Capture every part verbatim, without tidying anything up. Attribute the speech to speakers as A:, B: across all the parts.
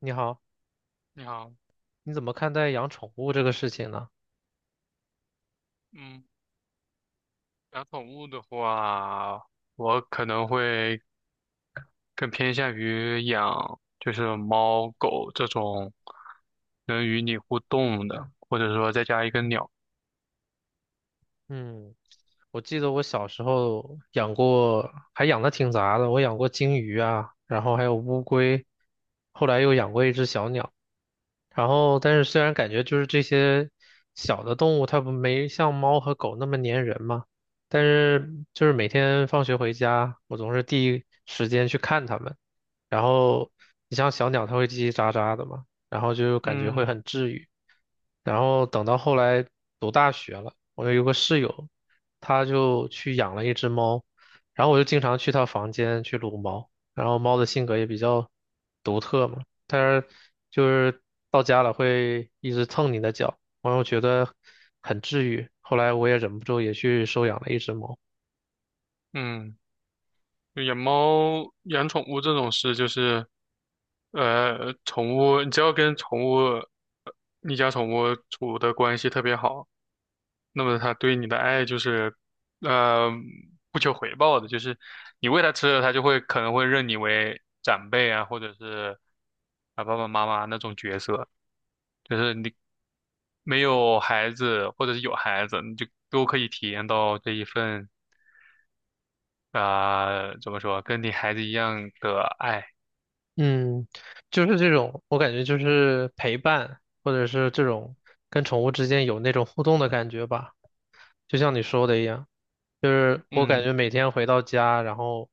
A: 你好，
B: 你好。
A: 你怎么看待养宠物这个事情呢？
B: 嗯，养宠物的话，我可能会更偏向于养就是猫狗这种能与你互动的，或者说再加一个鸟。
A: 嗯，我记得我小时候养过，还养的挺杂的，我养过金鱼啊，然后还有乌龟，后来又养过一只小鸟。然后，但是虽然感觉就是这些小的动物，它不没像猫和狗那么粘人嘛，但是就是每天放学回家，我总是第一时间去看它们。然后，你像小鸟，它会叽叽喳喳的嘛，然后就感觉会
B: 嗯
A: 很治愈。然后等到后来读大学了，我有个室友，他就去养了一只猫，然后我就经常去他房间去撸猫，然后猫的性格也比较独特嘛。但是就是到家了会一直蹭你的脚，然后觉得很治愈。后来我也忍不住也去收养了一只猫。
B: 嗯，养猫养宠物这种事就是，呃，宠物你只要跟宠物，呃你家宠物处的关系特别好。那么他对你的爱就是，呃，不求回报的，就是你喂他吃了，他就会可能会认你为长辈啊，或者是啊爸爸妈妈那种角色。就是你没有孩子，或者是有孩子，你就都可以体验到这一份啊、怎么说，跟你孩子一样的爱。
A: 嗯，就是这种，我感觉就是陪伴，或者是这种跟宠物之间有那种互动的感觉吧。就像你说的一样，就是我感
B: 嗯
A: 觉每天回到家，然后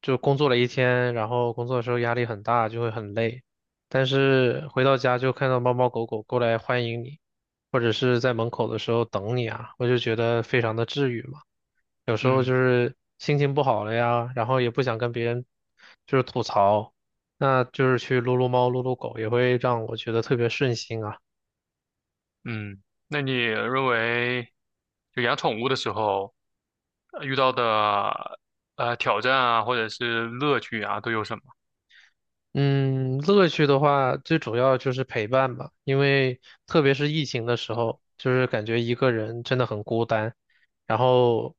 A: 就工作了一天，然后工作的时候压力很大，就会很累。但是回到家就看到猫猫狗狗过来欢迎你，或者是在门口的时候等你啊，我就觉得非常的治愈嘛。有时候
B: 嗯
A: 就是心情不好了呀，然后也不想跟别人就是吐槽，那就是去撸撸猫、撸撸狗，也会让我觉得特别顺心啊。
B: 嗯。那你认为就养宠物的时候呃遇到的呃挑战啊，或者是乐趣啊，都有什么？
A: 嗯，乐趣的话，最主要就是陪伴吧，因为特别是疫情的时候，就是感觉一个人真的很孤单。然后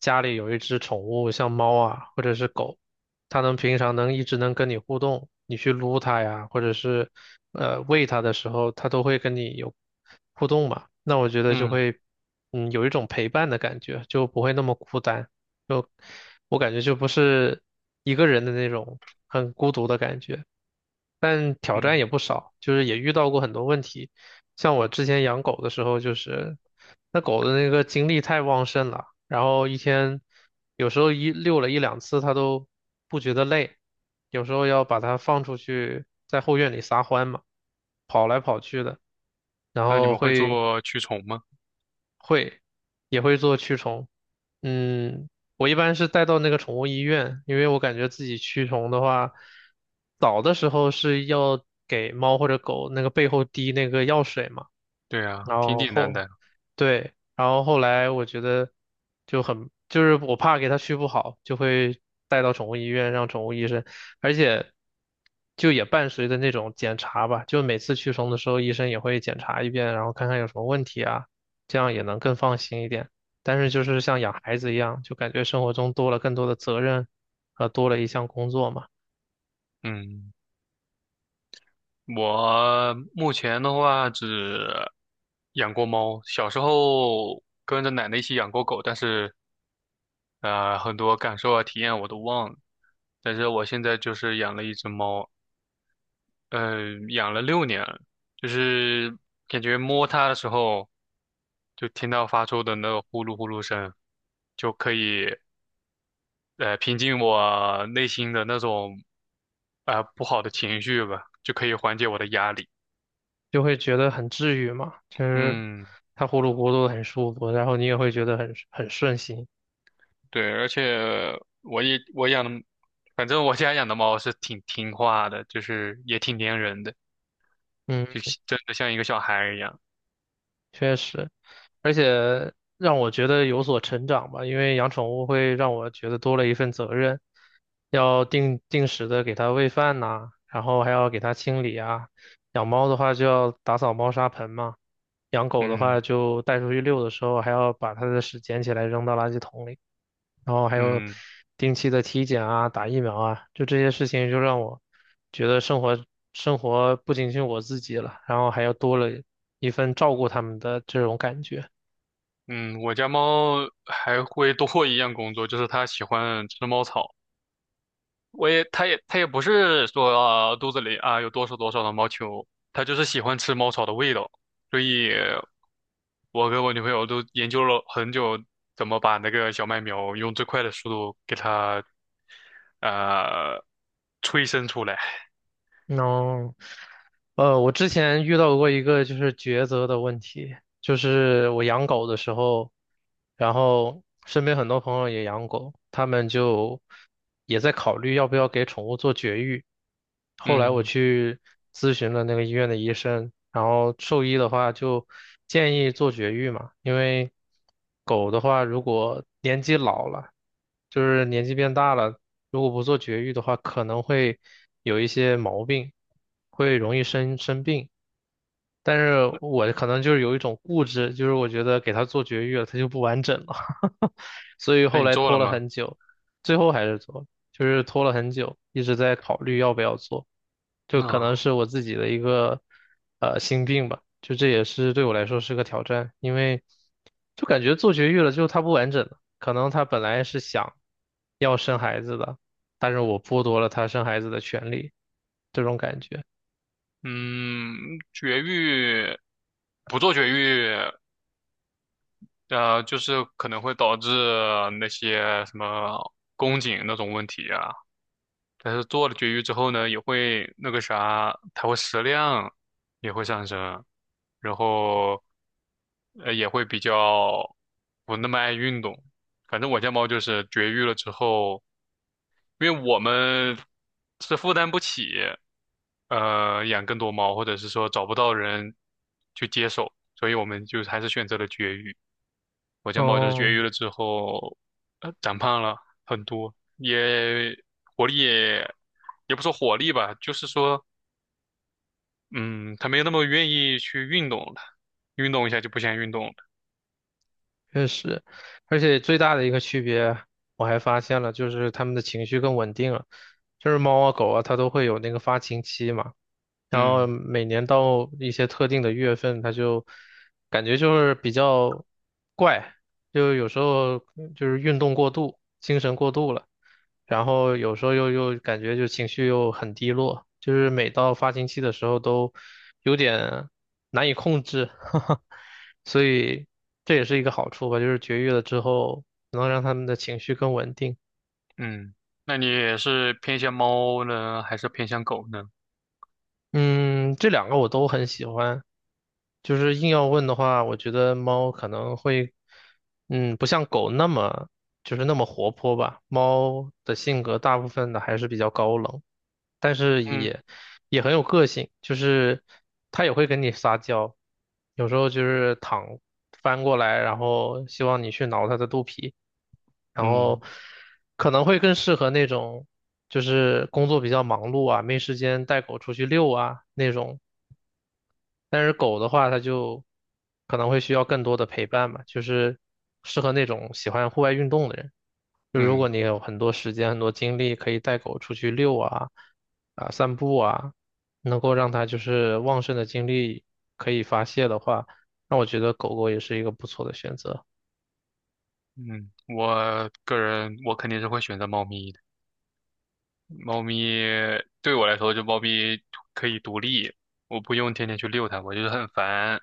A: 家里有一只宠物，像猫啊或者是狗，它能平常能一直能跟你互动，你去撸它呀，或者是呃喂它的时候，它都会跟你有互动嘛。那我觉得就
B: 嗯。
A: 会嗯有一种陪伴的感觉，就不会那么孤单。就我感觉就不是一个人的那种很孤独的感觉。但挑
B: 嗯，
A: 战也不少，就是也遇到过很多问题。像我之前养狗的时候，就是那狗的那个精力太旺盛了，然后一天有时候一遛了一两次，它都不觉得累，有时候要把它放出去在后院里撒欢嘛，跑来跑去的，然
B: 那你
A: 后
B: 们会
A: 会
B: 做驱虫吗？
A: 会，也会做驱虫。嗯，我一般是带到那个宠物医院，因为我感觉自己驱虫的话，早的时候是要给猫或者狗那个背后滴那个药水嘛，
B: 对啊，
A: 然
B: 挺
A: 后
B: 简单
A: 后
B: 的。
A: 对，然后后来我觉得就很，就是我怕给它续不好，就会带到宠物医院让宠物医生，而且就也伴随着那种检查吧，就每次驱虫的时候，医生也会检查一遍，然后看看有什么问题啊，这样也能更放心一点。但是就是像养孩子一样，就感觉生活中多了更多的责任，和多了一项工作嘛，
B: 嗯，我目前的话只养过猫，小时候跟着奶奶一起养过狗，但是呃，很多感受啊、体验啊我都忘了。但是我现在就是养了一只猫，嗯，养了六年了，就是感觉摸它的时候，就听到发出的那个呼噜呼噜声，就可以。呃平静我内心的那种啊呃不好的情绪吧，就可以缓解我的压力。
A: 就会觉得很治愈嘛，就是
B: 嗯，
A: 它呼噜呼噜很舒服，然后你也会觉得很很顺心，
B: 对，而且我也我养的，反正我家养的猫是挺听话的，就是也挺粘人的，
A: 嗯，
B: 就是真的像一个小孩儿一样。
A: 确实。而且让我觉得有所成长吧，因为养宠物会让我觉得多了一份责任，要定定时的给它喂饭呐、然后还要给它清理啊。养猫的话就要打扫猫砂盆嘛，养狗的话
B: 嗯
A: 就带出去遛的时候还要把它的屎捡起来扔到垃圾桶里，然后还有
B: 嗯
A: 定期的体检啊、打疫苗啊，就这些事情就让我觉得生活生活不仅仅我自己了，然后还要多了一份照顾它们的这种感觉。
B: 嗯。我家猫还会多一样工作，就是它喜欢吃猫草。我也，它也，它也不是说、啊肚子里啊有多少多少的毛球，它就是喜欢吃猫草的味道，所以我跟我女朋友都研究了很久，怎么把那个小麦苗用最快的速度给它呃催生出来。
A: 哦，呃，我之前遇到过一个就是抉择的问题，就是我养狗的时候，然后身边很多朋友也养狗，他们就也在考虑要不要给宠物做绝育。后来我
B: 嗯，
A: 去咨询了那个医院的医生，然后兽医的话就建议做绝育嘛，因为狗的话如果年纪老了，就是年纪变大了，如果不做绝育的话，可能会有一些毛病，会容易生生病。但是我可能就是有一种固执，就是我觉得给它做绝育了，它就不完整了，所以
B: 那
A: 后
B: 你
A: 来
B: 做了
A: 拖了
B: 吗？
A: 很久，最后还是做了就是拖了很久，一直在考虑要不要做，就可能
B: 啊，
A: 是我自己的一个呃心病吧，就这也是对我来说是个挑战，因为就感觉做绝育了之后它不完整了，可能他本来是想要生孩子的，但是我剥夺了他生孩子的权利，这种感觉。
B: 嗯，绝育不做绝育，呃，就是可能会导致那些什么宫颈那种问题啊。但是做了绝育之后呢，也会那个啥，它会食量也会上升，然后呃也会比较不那么爱运动。反正我家猫就是绝育了之后，因为我们是负担不起呃养更多猫，或者是说找不到人去接手，所以我们就还是选择了绝育。我家猫就是绝
A: 哦，
B: 育了之后，呃，长胖了很多，也活力也也不说活力吧，就是说，嗯，它没有那么愿意去运动了，运动一下就不想运动了。
A: 确实，而且最大的一个区别，我还发现了，就是它们的情绪更稳定了。就是猫啊狗啊，它都会有那个发情期嘛，然后
B: 嗯
A: 每年到一些特定的月份，它就感觉就是比较怪，就有时候就是运动过度、精神过度了。然后有时候又又感觉就情绪又很低落，就是每到发情期的时候都有点难以控制，哈哈，所以这也是一个好处吧，就是绝育了之后能让它们的情绪更稳定。
B: 嗯，那你也是偏向猫呢，还是偏向狗呢？
A: 嗯，这两个我都很喜欢。就是硬要问的话，我觉得猫可能会，嗯，不像狗那么就是那么活泼吧。猫的性格大部分的还是比较高冷。但是
B: 嗯
A: 也也很有个性，就是它也会跟你撒娇，有时候就是躺翻过来，然后希望你去挠它的肚皮，然后
B: 嗯
A: 可能会更适合那种就是工作比较忙碌啊，没时间带狗出去遛啊那种。但是狗的话，它就可能会需要更多的陪伴嘛，就是适合那种喜欢户外运动的人。就如果
B: 嗯
A: 你有很多时间、很多精力，可以带狗出去遛啊、啊散步啊，能够让它就是旺盛的精力可以发泄的话，那我觉得狗狗也是一个不错的选择。
B: 嗯，我个人我肯定是会选择猫咪的。猫咪对我来说，就猫咪可以独立，我不用天天去遛它，我就是很烦。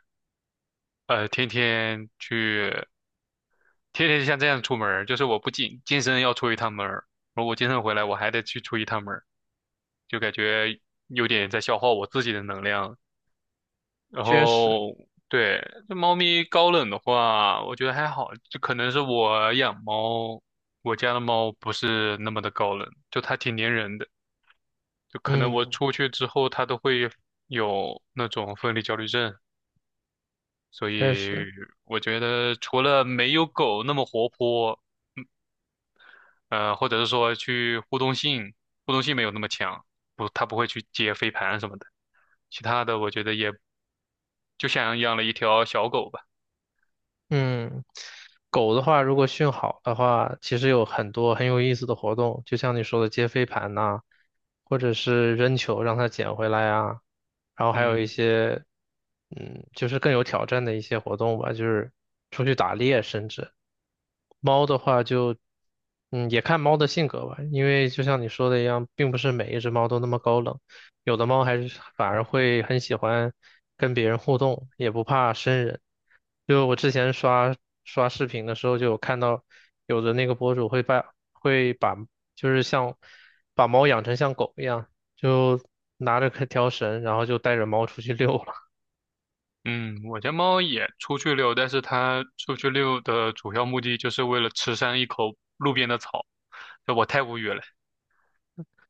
B: 呃，天天去，天天就像这样出门儿就是我不仅健身要出一趟门儿，而我健身回来我还得去出一趟门儿就感觉有点在消耗我自己的能量。然
A: 确实，
B: 后，对，这猫咪高冷的话，我觉得还好，就可能是我养猫，我家的猫不是那么的高冷，就它挺粘人的，就可能我
A: 嗯，
B: 出去之后它都会有那种分离焦虑症。所
A: 确
B: 以
A: 实。
B: 我觉得除了没有狗那么活泼，嗯呃，或者是说去互动性，互动性没有那么强，不，它不会去接飞盘什么的。其他的我觉得也就像养了一条小狗吧。
A: 嗯，狗的话，如果训好的话，其实有很多很有意思的活动，就像你说的接飞盘呐、或者是扔球让它捡回来啊，然后还有一
B: 嗯
A: 些，嗯，就是更有挑战的一些活动吧，就是出去打猎，甚至猫的话就，嗯，也看猫的性格吧，因为就像你说的一样，并不是每一只猫都那么高冷。有的猫还是反而会很喜欢跟别人互动，也不怕生人。就我之前刷刷视频的时候，就有看到有的那个博主会把会把就是像把猫养成像狗一样，就拿着条绳，然后就带着猫出去遛了。
B: 嗯，我家猫也出去遛，但是它出去遛的主要目的就是为了吃上一口路边的草，我太无语了。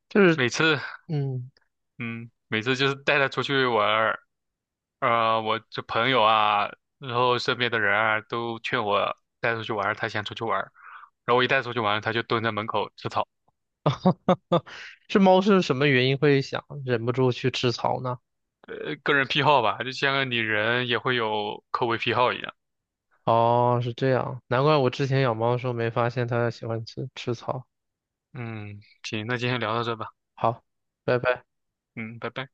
A: 就是
B: 每次，
A: 嗯，
B: 嗯，每次就是带它出去玩儿，呃，我这朋友啊，然后身边的人啊，都劝我带出去玩儿他想出去玩儿然后我一带出去玩儿他就蹲在门口吃草。
A: 这猫是什么原因会想忍不住去吃草呢？
B: 呃个人癖好吧，就像你人也会有口味癖好一样。
A: 哦，是这样，难怪我之前养猫的时候没发现它喜欢吃吃草。
B: 嗯，行，那今天聊到这吧。
A: 好，拜拜。
B: 嗯，拜拜。